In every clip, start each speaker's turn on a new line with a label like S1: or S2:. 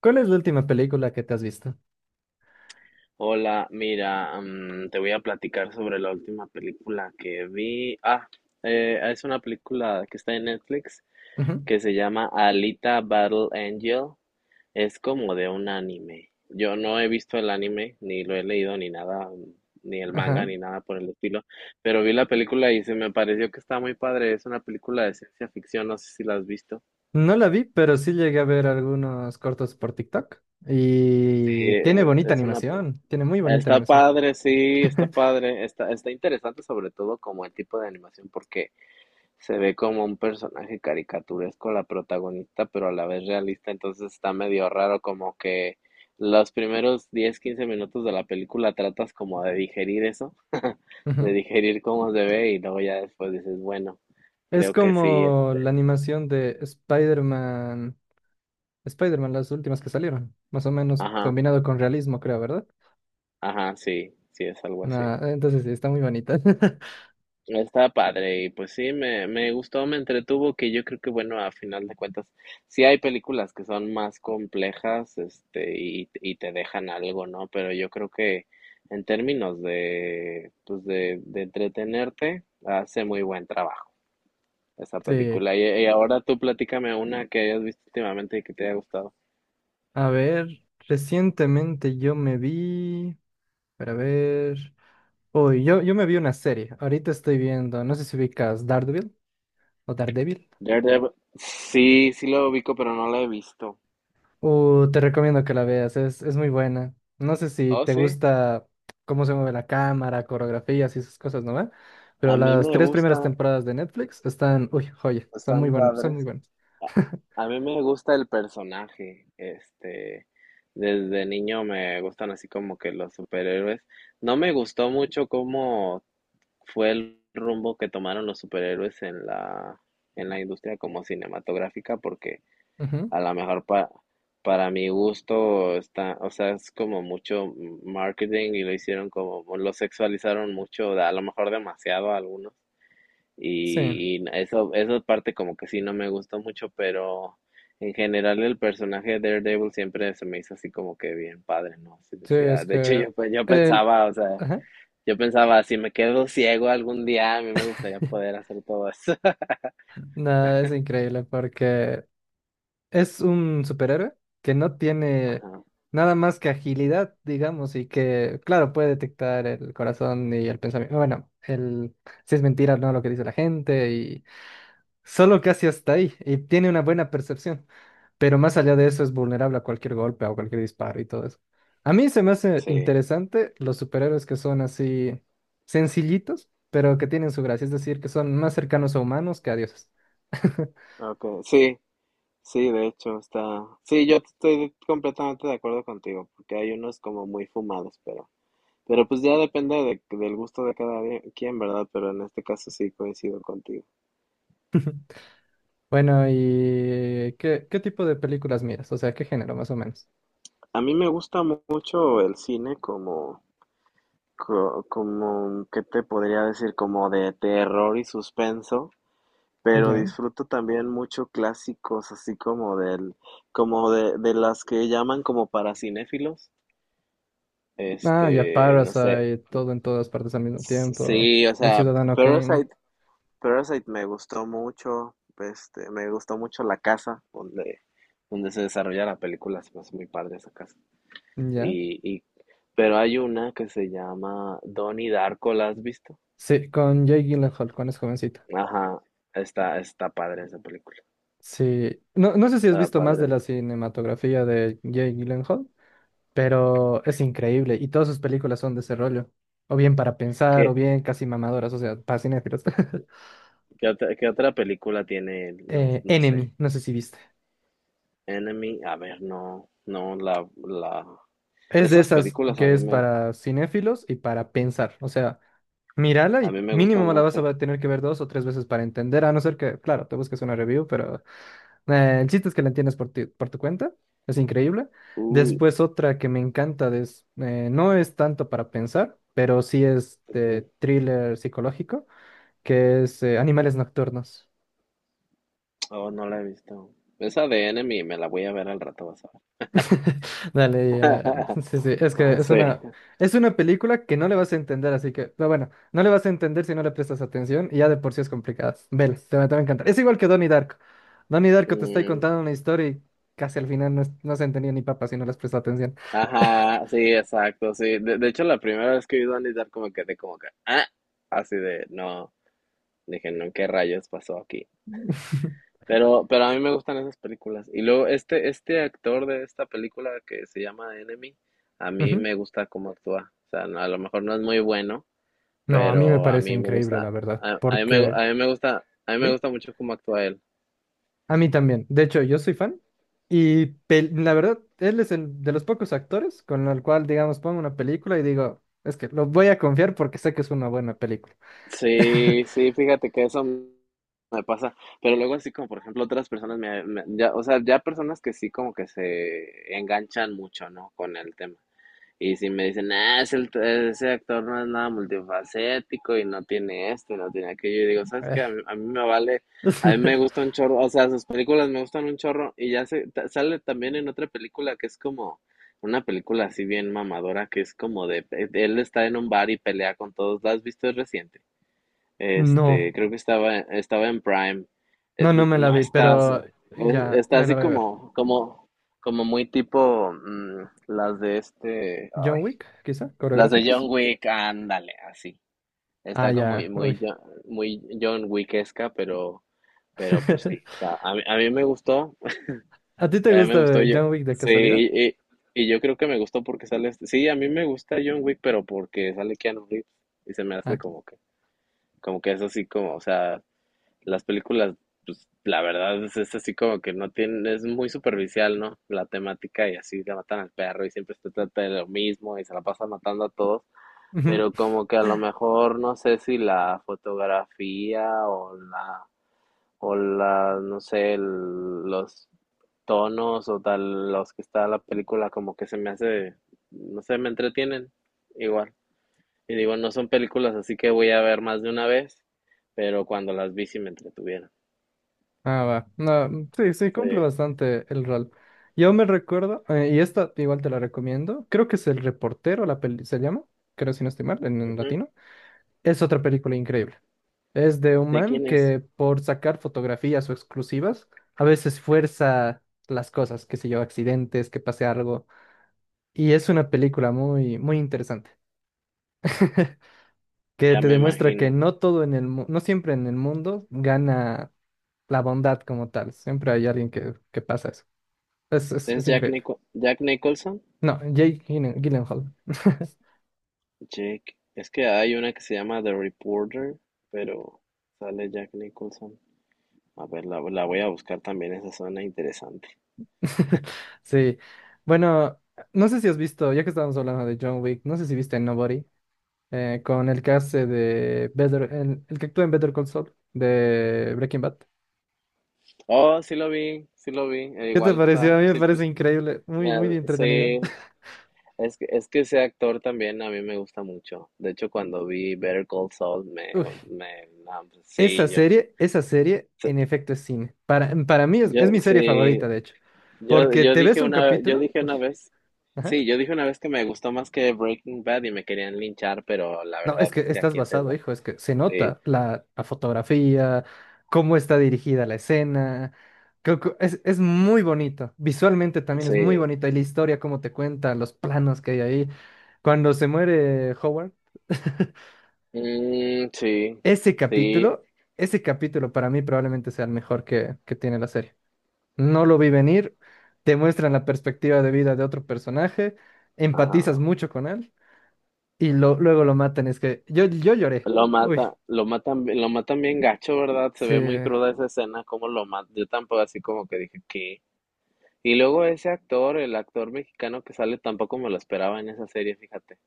S1: ¿Cuál es la última película que te has visto?
S2: Hola, mira, te voy a platicar sobre la última película que vi. Es una película que está en Netflix
S1: Ujú.
S2: que se llama Alita Battle Angel. Es como de un anime. Yo no he visto el anime, ni lo he leído, ni nada, ni el manga,
S1: Ajá.
S2: ni nada por el estilo, pero vi la película y se me pareció que está muy padre. Es una película de ciencia ficción, no sé si la has visto.
S1: No la vi, pero sí llegué a ver algunos cortos por TikTok. Y tiene
S2: Eh,
S1: bonita
S2: es una...
S1: animación, tiene muy bonita
S2: Está
S1: animación.
S2: padre, sí, está padre. Está interesante, sobre todo, como el tipo de animación, porque se ve como un personaje caricaturesco la protagonista, pero a la vez realista. Entonces está medio raro, como que los primeros 10 15 minutos de la película tratas como de digerir eso, de
S1: Ujú.
S2: digerir cómo se ve, y luego ya después dices, bueno,
S1: Es
S2: creo que sí,
S1: como la
S2: este,
S1: animación de Spider-Man, Spider-Man, las últimas que salieron, más o menos
S2: ajá,
S1: combinado con realismo, creo, ¿verdad?
S2: ajá, sí, sí, es algo así.
S1: Nah, entonces sí, está muy bonita.
S2: Está padre y pues sí, me gustó, me entretuvo. Que yo creo que, bueno, a final de cuentas, sí hay películas que son más complejas, este, y te dejan algo, ¿no? Pero yo creo que en términos de, pues de entretenerte, hace muy buen trabajo esa
S1: Sí,
S2: película. Y ahora tú platícame una que hayas visto últimamente y que te haya gustado.
S1: a ver, recientemente yo me vi, para ver. Uy, yo me vi una serie. Ahorita estoy viendo, no sé si ubicas Daredevil o Daredevil.
S2: Daredevil, sí, sí lo ubico, pero no la he visto.
S1: Te recomiendo que la veas, es muy buena. No sé si
S2: Oh,
S1: te
S2: sí,
S1: gusta cómo se mueve la cámara, coreografías y esas cosas, ¿no ve? Pero
S2: a mí
S1: las
S2: me
S1: tres primeras
S2: gusta,
S1: temporadas de Netflix están, uy, joya, son muy
S2: están
S1: buenas, son muy
S2: padres.
S1: buenas.
S2: A a mí me gusta el personaje, este, desde niño me gustan así como que los superhéroes. No me gustó mucho cómo fue el rumbo que tomaron los superhéroes en la industria como cinematográfica, porque
S1: Ujú.
S2: a lo mejor para mi gusto está, o sea, es como mucho marketing, y lo hicieron como, lo sexualizaron mucho, a lo mejor demasiado, a algunos.
S1: Sí,
S2: Y eso, esa parte como que sí no me gustó mucho, pero en general el personaje de Daredevil siempre se me hizo así como que bien padre, ¿no? Así
S1: sí, es
S2: decía, de hecho,
S1: que
S2: yo, pues, yo
S1: el...
S2: pensaba, o sea,
S1: Ajá.
S2: yo pensaba, si me quedo ciego algún día, a mí me gustaría poder hacer todo eso.
S1: No, es increíble porque es un superhéroe que no tiene
S2: Ajá,
S1: nada más que agilidad, digamos, y que, claro, puede detectar el corazón y el pensamiento. Bueno, el si es mentira o no lo que dice la gente, y solo casi hasta ahí, y tiene una buena percepción, pero más allá de eso es vulnerable a cualquier golpe o cualquier disparo y todo eso. A mí se me hace
S2: sí,
S1: interesante los superhéroes que son así sencillitos, pero que tienen su gracia, es decir, que son más cercanos a humanos que a dioses.
S2: okay, sí, sí, de hecho está, sí, yo estoy completamente de acuerdo contigo, porque hay unos como muy fumados, pero, pues ya depende del gusto de cada quien, ¿verdad? Pero en este caso sí coincido contigo.
S1: Bueno, ¿y qué tipo de películas miras? O sea, ¿qué género más o menos?
S2: A mí me gusta mucho el cine como, como, ¿qué te podría decir? Como de terror y suspenso, pero
S1: Ya.
S2: disfruto también mucho clásicos, así como del, como de, las que llaman como para cinéfilos.
S1: Ah, ya
S2: Este, no sé,
S1: Parasite, todo en todas partes al mismo tiempo.
S2: sí, o
S1: El
S2: sea,
S1: Ciudadano Kane,
S2: Parasite, Parasite, me gustó mucho, este, me gustó mucho la casa donde se desarrolla la película. Es muy padre esa casa.
S1: ya.
S2: Y, pero hay una que se llama Donnie Darko, ¿la has visto?
S1: Sí, con Jake Gyllenhaal, cuando es jovencita.
S2: Ajá, está padre esa película.
S1: Sí, no, no sé si has
S2: Está
S1: visto más de
S2: padre.
S1: la cinematografía de Jake Gyllenhaal, pero es increíble y todas sus películas son de ese rollo. O bien para pensar, o
S2: ¿Qué,
S1: bien casi mamadoras, o sea, para cinéfilos.
S2: qué otra película tiene él? No, no sé.
S1: Enemy, no sé si viste.
S2: Enemy, a ver, no, no,
S1: Es de
S2: esas
S1: esas
S2: películas a
S1: que
S2: mí
S1: es
S2: me,
S1: para cinéfilos y para pensar. O sea, mírala
S2: a
S1: y
S2: mí me gustan
S1: mínimo la vas
S2: mucho.
S1: a tener que ver 2 o 3 veces para entender, a no ser que, claro, te busques una review, pero el chiste es que la entiendes por ti- por tu cuenta. Es increíble.
S2: Uy,
S1: Después otra que me encanta de es, no es tanto para pensar, pero sí es
S2: ujú,
S1: de thriller psicológico, que es Animales Nocturnos.
S2: oh, no la he visto. Esa de Enemy me la voy a ver al rato, vas a
S1: Dale,
S2: ver.
S1: ya. Sí, sí, es que es
S2: Sí.
S1: una, es una película que no le vas a entender, así que, pero bueno, no le vas a entender si no le prestas atención y ya de por sí es complicada. Vela, te va a encantar. Es igual que Donnie Darko. Donnie Darko te está
S2: Mm,
S1: contando una historia y casi al final no, no se entendía ni papa si no les prestas atención.
S2: ajá, sí, exacto, sí. De hecho, la primera vez que vi Donnie Darko, como quedé como que, así de, no, dije, no, ¿qué rayos pasó aquí? Pero a mí me gustan esas películas. Y luego este actor de esta película que se llama Enemy, a mí
S1: Ujú.
S2: me gusta cómo actúa. O sea, a lo mejor no es muy bueno,
S1: No, a mí me
S2: pero a
S1: parece
S2: mí me
S1: increíble, la
S2: gusta,
S1: verdad, porque...
S2: a mí me
S1: ¿Sí?
S2: gusta mucho cómo actúa él.
S1: A mí también. De hecho, yo soy fan. Y la verdad, él es el de los pocos actores con el cual, digamos, pongo una película y digo, es que lo voy a confiar porque sé que es una buena película.
S2: Sí, sí, fíjate que eso me pasa, pero luego así, como por ejemplo, otras personas me, ya, o sea, ya personas que sí como que se enganchan mucho, ¿no? Con el tema. Y si me dicen, ese actor no es nada multifacético y no tiene esto y no tiene aquello, y digo, ¿sabes qué? A
S1: Eh,
S2: mí, a mí me vale, a mí me gusta un chorro, o sea, sus películas me gustan un chorro. Y ya se, sale también en otra película que es como una película así bien mamadora, que es como de, él está en un bar y pelea con todos, ¿la has visto? Es reciente. Este,
S1: No,
S2: creo que estaba en Prime.
S1: no, no me la
S2: No
S1: vi,
S2: estás,
S1: pero ya
S2: está
S1: me la
S2: así
S1: voy a ver.
S2: como, como, muy tipo, las de este,
S1: John
S2: ay,
S1: Wick, quizá,
S2: las de John
S1: coreográficas.
S2: Wick, ándale, así.
S1: Ah,
S2: Está como muy,
S1: ya, uy.
S2: muy, muy John Wickesca, pero, pues sí, está. A mí me gustó,
S1: ¿A ti te
S2: a mí me gustó.
S1: gusta
S2: Yo,
S1: John Wick de
S2: sí,
S1: casualidad?
S2: y yo creo que me gustó porque sale, sí, a mí me gusta John Wick, pero porque sale Keanu Reeves, y se me
S1: Ah.
S2: hace como que, es así como, o sea, las películas, pues la verdad, es, así como que no tienen, es muy superficial, ¿no? La temática. Y así le matan al perro y siempre se trata de lo mismo, y se la pasa matando a todos.
S1: Ujú.
S2: Pero como que, a lo mejor, no sé si la fotografía o la, no sé, los tonos o tal, los que está la película, como que se me hace, no sé, me entretienen igual. Y digo, no son películas así, que voy a ver más de una vez, pero cuando las vi sí me entretuvieron.
S1: Ah, va. No, sí, sí, cumple
S2: Sí.
S1: bastante el rol. Yo me recuerdo, y esta igual te la recomiendo, creo que es El Reportero, la peli se llama, creo si no estoy mal, en
S2: Ujú.
S1: latino. Es otra película increíble. Es de un
S2: ¿De
S1: man
S2: quién es?
S1: que por sacar fotografías o exclusivas, a veces fuerza las cosas, que se yo, accidentes, que pase algo. Y es una película muy, muy interesante, que
S2: Ya
S1: te
S2: me
S1: demuestra que
S2: imagino.
S1: no todo en no siempre en el mundo gana la bondad como tal, siempre hay alguien que pasa eso.
S2: ¿Es
S1: Es
S2: Jack
S1: increíble.
S2: Nicholson?
S1: No, Jake Gyllenhaal.
S2: Jake. Es que hay una que se llama The Reporter, pero sale Jack Nicholson. A ver, la, voy a buscar también, esa zona interesante.
S1: Sí. Bueno, no sé si has visto, ya que estábamos hablando de John Wick, no sé si viste Nobody, con el que hace de Better, el que actúa en Better Call Saul de Breaking Bad.
S2: Oh, sí lo vi, sí lo vi.
S1: ¿Qué te
S2: Igual
S1: pareció?
S2: está,
S1: A mí me
S2: sí,
S1: parece
S2: pues,
S1: increíble, muy, muy entretenida.
S2: sí, es que ese actor también a mí me gusta mucho. De hecho, cuando vi Better Call Saul, me,
S1: Uy,
S2: no, pues,
S1: Esa
S2: sí, yo,
S1: serie, esa serie,
S2: sí,
S1: en efecto, es cine. Para mí es
S2: yo,
S1: mi serie
S2: sí,
S1: favorita, de hecho.
S2: yo,
S1: Porque te ves un
S2: yo
S1: capítulo.
S2: dije
S1: Uy,
S2: una vez,
S1: ajá.
S2: sí, yo dije una vez que me gustó más que Breaking Bad, y me querían linchar, pero la
S1: No, es
S2: verdad
S1: que
S2: es que,
S1: estás
S2: aquí entre
S1: basado,
S2: nos,
S1: hijo, es que se
S2: sí,
S1: nota la fotografía, cómo está dirigida la escena. Creo que es muy bonito. Visualmente también es muy
S2: sí,
S1: bonito. Y la historia, cómo te cuenta, los planos que hay ahí. Cuando se muere Howard,
S2: mm, sí,
S1: ese
S2: sí,
S1: capítulo, ese capítulo para mí probablemente sea el mejor que tiene la serie. No lo vi venir, te muestran la perspectiva de vida de otro personaje, empatizas
S2: ajá.
S1: mucho con él y luego lo matan. Es que yo lloré.
S2: Lo
S1: Uy,
S2: mata, lo matan, lo matan bien gacho, ¿verdad? Se
S1: sí.
S2: ve muy cruda esa escena, como lo mata. Yo tampoco así como que dije que. Y luego ese actor, el actor mexicano que sale, tampoco me lo esperaba en esa serie, fíjate.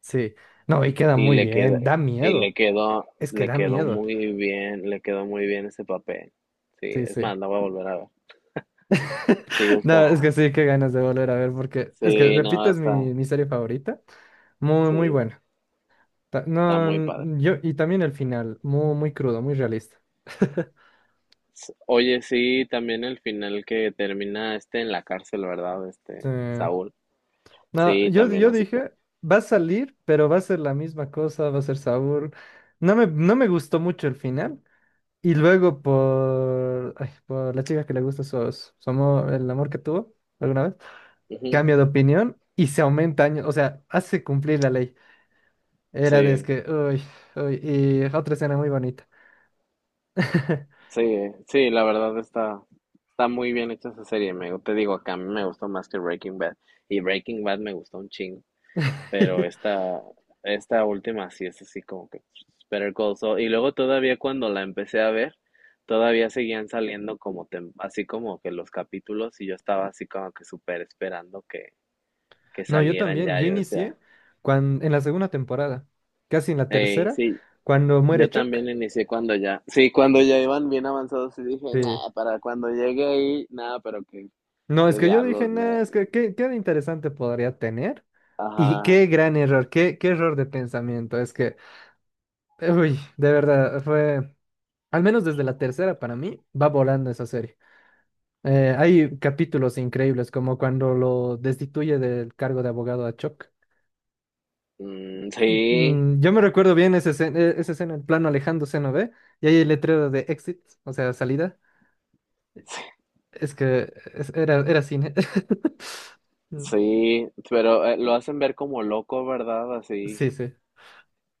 S1: Sí, no, y queda
S2: y
S1: muy
S2: le quedó
S1: bien, da miedo, es que
S2: le
S1: da
S2: quedó
S1: miedo,
S2: muy bien, le quedó muy bien ese papel. Sí,
S1: sí,
S2: es
S1: sí.
S2: más, la voy a volver a ver. Sí,
S1: No, es
S2: está.
S1: que sí, qué ganas de volver a ver, porque es que,
S2: Sí,
S1: repito,
S2: no,
S1: es
S2: está.
S1: mi serie favorita, muy, muy
S2: Sí,
S1: buena.
S2: está
S1: No,
S2: muy padre.
S1: yo, y también el final, muy, muy crudo, muy realista.
S2: Oye, sí, también el final, que termina este en la cárcel, ¿verdad?
S1: Sí.
S2: Este, Saúl.
S1: No,
S2: Sí,
S1: yo,
S2: también
S1: yo
S2: así
S1: dije, va a salir, pero va a ser la misma cosa, va a ser sabor. No me gustó mucho el final. Y luego por, ay, por la chica que le gusta su, su amor, el amor que tuvo alguna vez.
S2: ujú,
S1: Cambia de opinión y se aumenta años, o sea, hace cumplir la ley. Era de es
S2: sí,
S1: que, uy, uy, y otra escena muy bonita.
S2: sí, sí, la verdad está muy bien hecha esa serie. Te digo, que a mí me gustó más que Breaking Bad. Y Breaking Bad me gustó un chingo. Pero esta, última sí es así como que, pues, Better Call Saul. Y luego todavía, cuando la empecé a ver, todavía seguían saliendo como así como que los capítulos, y yo estaba así como que súper esperando que,
S1: No, yo
S2: salieran
S1: también,
S2: ya.
S1: yo
S2: Yo decía,
S1: inicié cuando, en la segunda temporada, casi en la
S2: hey.
S1: tercera,
S2: Sí,
S1: cuando muere
S2: yo
S1: Chuck.
S2: también inicié cuando ya, sí, cuando ya iban bien avanzados y dije,
S1: Sí.
S2: nah, para cuando llegue ahí, nada, pero que
S1: No, es
S2: qué
S1: que yo dije,
S2: diablos, me...
S1: nada, es que qué de interesante podría tener. Y
S2: Ajá,
S1: qué gran error, qué error de pensamiento. Es que, uy, de verdad, fue, al menos desde la tercera para mí, va volando esa serie. Hay capítulos increíbles, como cuando lo destituye del cargo de abogado a Chuck.
S2: mm, sí,
S1: Yo me recuerdo bien esa escena, el plano alejándose, ¿no ve? Y hay el letrero de exit, o sea, salida. Es que era cine. Mm,
S2: sí. Pero lo hacen ver como loco, ¿verdad? Así,
S1: sí, sí,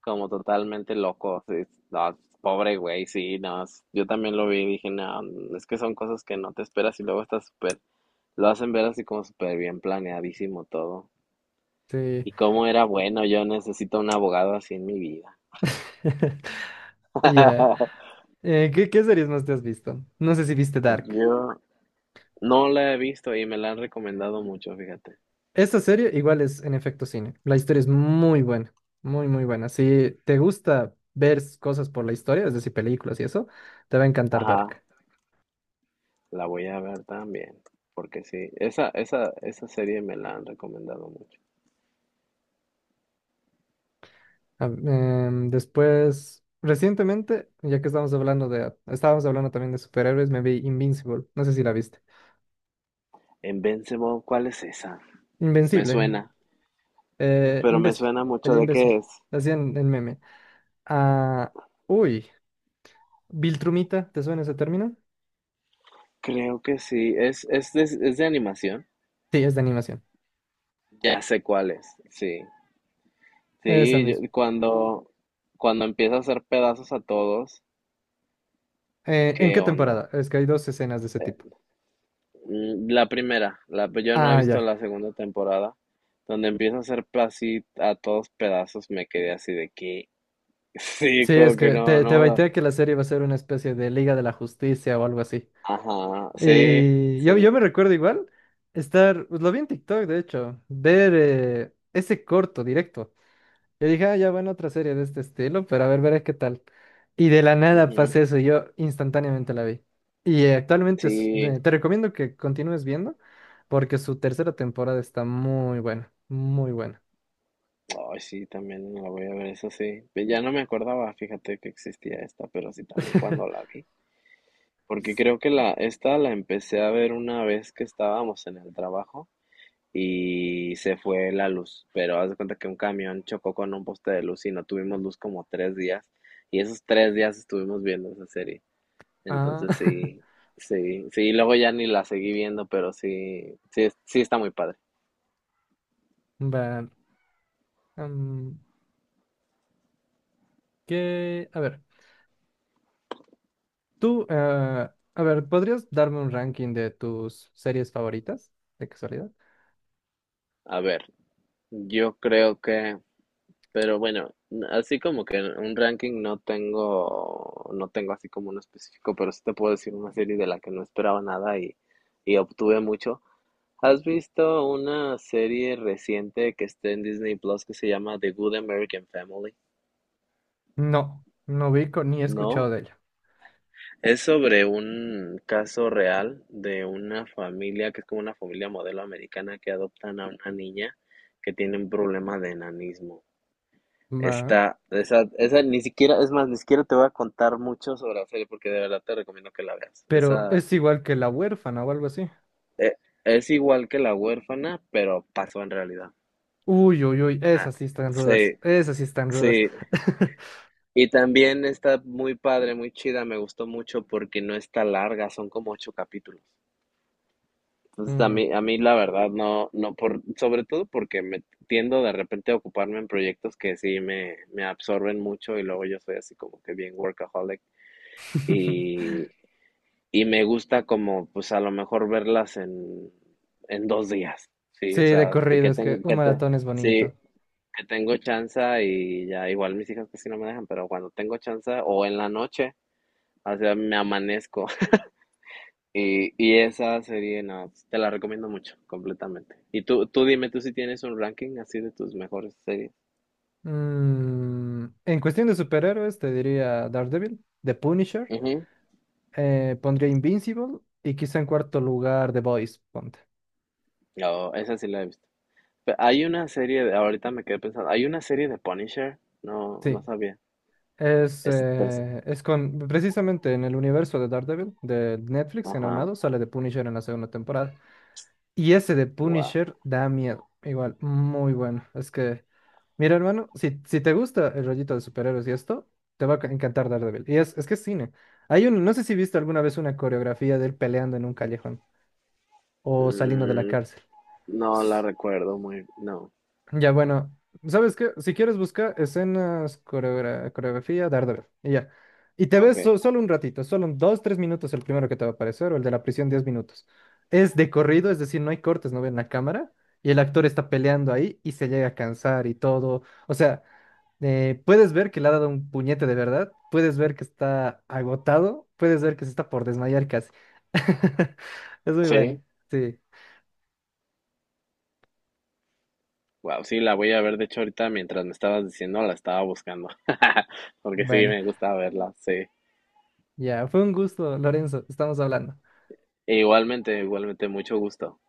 S2: como totalmente loco. Sí. No, pobre güey, sí, no. Yo también lo vi y dije, no, es que son cosas que no te esperas. Y luego está súper, lo hacen ver así como súper bien planeadísimo todo.
S1: sí.
S2: Y cómo era bueno, yo necesito un abogado así en mi vida.
S1: Ya. ¿Qué series más te has visto? No sé si viste Dark.
S2: Yo no la he visto y me la han recomendado mucho, fíjate.
S1: Esta serie igual es en efecto cine. La historia es muy buena, muy, muy buena. Si te gusta ver cosas por la historia, es decir, películas y eso, te va a encantar
S2: Ajá,
S1: Dark.
S2: la voy a ver también, porque sí, esa, esa serie me la han recomendado mucho.
S1: Ah, después, recientemente, ya que estábamos hablando también de superhéroes, me vi Invincible. No sé si la viste.
S2: En Invincible, ¿cuál es esa? Me
S1: Invencible.
S2: suena, pero me
S1: Imbécil.
S2: suena
S1: El
S2: mucho de
S1: imbécil.
S2: qué es.
S1: Hacían el meme. Ah, uy. Viltrumita, ¿te suena ese término?
S2: Creo que sí, es de animación.
S1: Sí, es de animación.
S2: Ya sé cuál es, sí.
S1: Esa
S2: Sí,
S1: misma.
S2: cuando, empieza a hacer pedazos a todos,
S1: ¿En
S2: qué
S1: qué
S2: onda.
S1: temporada? Es que hay dos escenas de ese tipo.
S2: Eh, yo no he
S1: Ah,
S2: visto
S1: ya.
S2: la segunda temporada, donde empieza a hacer así a todos pedazos, me quedé así de que, sí,
S1: Sí, es
S2: como que
S1: que
S2: no,
S1: te,
S2: no,
S1: te baité que la serie va a ser una especie de Liga de la Justicia o algo así.
S2: ajá, sí,
S1: Y yo
S2: sí,
S1: me recuerdo igual estar, pues, lo vi en TikTok, de hecho, ver ese corto directo. Yo dije, ah, ya bueno, otra serie de este estilo, pero a ver, veré qué tal. Y de la nada
S2: ujú,
S1: pasé eso, y yo instantáneamente la vi. Y actualmente
S2: sí.
S1: te recomiendo que continúes viendo, porque su tercera temporada está muy buena, muy buena.
S2: Ay, sí, también la voy a ver, eso sí. Ya no me acordaba, fíjate, que existía esta, pero sí, también, cuando la vi. Porque creo que esta la empecé a ver una vez que estábamos en el trabajo y se fue la luz. Pero haz de cuenta que un camión chocó con un poste de luz y no tuvimos luz como 3 días. Y esos 3 días estuvimos viendo esa serie.
S1: Ah,
S2: Entonces sí, sí, sí, luego ya ni la seguí viendo, pero sí, sí, sí, está muy padre.
S1: va. mm, Que, a ver, tú, a ver, ¿podrías darme un ranking de tus series favoritas, de casualidad?
S2: A ver, yo creo que, pero bueno, así como que un ranking no tengo, así como uno específico, pero sí te puedo decir una serie de la que no esperaba nada y obtuve mucho. ¿Has visto una serie reciente que está en Disney Plus que se llama The Good American Family?
S1: No, no ubico ni he escuchado
S2: No,
S1: de ella.
S2: es sobre un caso real de una familia, que es como una familia modelo americana, que adoptan a una niña que tiene un problema de enanismo.
S1: Va,
S2: Esa ni siquiera, es más, ni siquiera te voy a contar mucho sobre la serie, porque de verdad te recomiendo que la veas.
S1: pero
S2: Esa,
S1: es igual que La Huérfana o algo así.
S2: eh, es igual que La Huérfana, pero pasó en realidad.
S1: Uy, uy, uy,
S2: Ah,
S1: esas sí están rudas,
S2: sí,
S1: esas sí están rudas.
S2: sí. Y también está muy padre, muy chida. Me gustó mucho porque no está larga, son como 8 capítulos. Entonces a
S1: Mm.
S2: mí, la verdad no, sobre todo porque me tiendo de repente a ocuparme en proyectos que sí me absorben mucho, y luego yo soy así como que bien workaholic. Y, Y me gusta, como, pues a lo mejor verlas en, 2 días, sí,
S1: Sí,
S2: o
S1: de
S2: sea, de
S1: corrido,
S2: que,
S1: es que un maratón es
S2: sí,
S1: bonito.
S2: que tengo chance y ya. Igual mis hijas casi no me dejan, pero cuando tengo chance o en la noche, o sea, me amanezco. Y, esa serie, no, te la recomiendo mucho, completamente. Y tú dime, tú, si tienes un ranking así, de tus mejores series.
S1: En cuestión de superhéroes, te diría Daredevil, The Punisher.
S2: Ujú.
S1: Pondría Invincible y quizá en cuarto lugar The Boys, ponte.
S2: Oh, esa sí la he visto. Hay una serie de, ahorita me quedé pensando, hay una serie de Punisher, no, no
S1: Sí,
S2: sabía. Ese
S1: es con, precisamente en el universo de Daredevil, de Netflix, en
S2: ajá.
S1: Armado, sale The Punisher en la segunda temporada. Y ese de
S2: Wow.
S1: Punisher da miedo, igual, muy bueno. Es que, mira hermano, si te gusta el rollito de superhéroes y esto, te va a encantar Daredevil. Y es que es cine. No sé si viste alguna vez una coreografía de él peleando en un callejón o saliendo de la
S2: Mm,
S1: cárcel.
S2: no la recuerdo muy. No.
S1: Ya, bueno, ¿sabes qué? Si quieres busca escenas, coreografía, Daredevil, y ya. Y te ves
S2: Ok.
S1: solo un ratito, solo un 2, 3 minutos el primero que te va a aparecer, o el de la prisión, 10 minutos. Es de corrido, es decir, no hay cortes, no ven la cámara, y el actor está peleando ahí y se llega a cansar y todo. O sea, puedes ver que le ha dado un puñete de verdad, puedes ver que está agotado, puedes ver que se está por desmayar casi. Es muy
S2: Sí.
S1: bueno, sí,
S2: Wow. Sí, la voy a ver. De hecho, ahorita, mientras me estabas diciendo, la estaba buscando. Porque sí,
S1: bueno.
S2: me gusta verla. Sí.
S1: Ya, fue un gusto, Lorenzo, estamos hablando.
S2: E igualmente, igualmente, mucho gusto.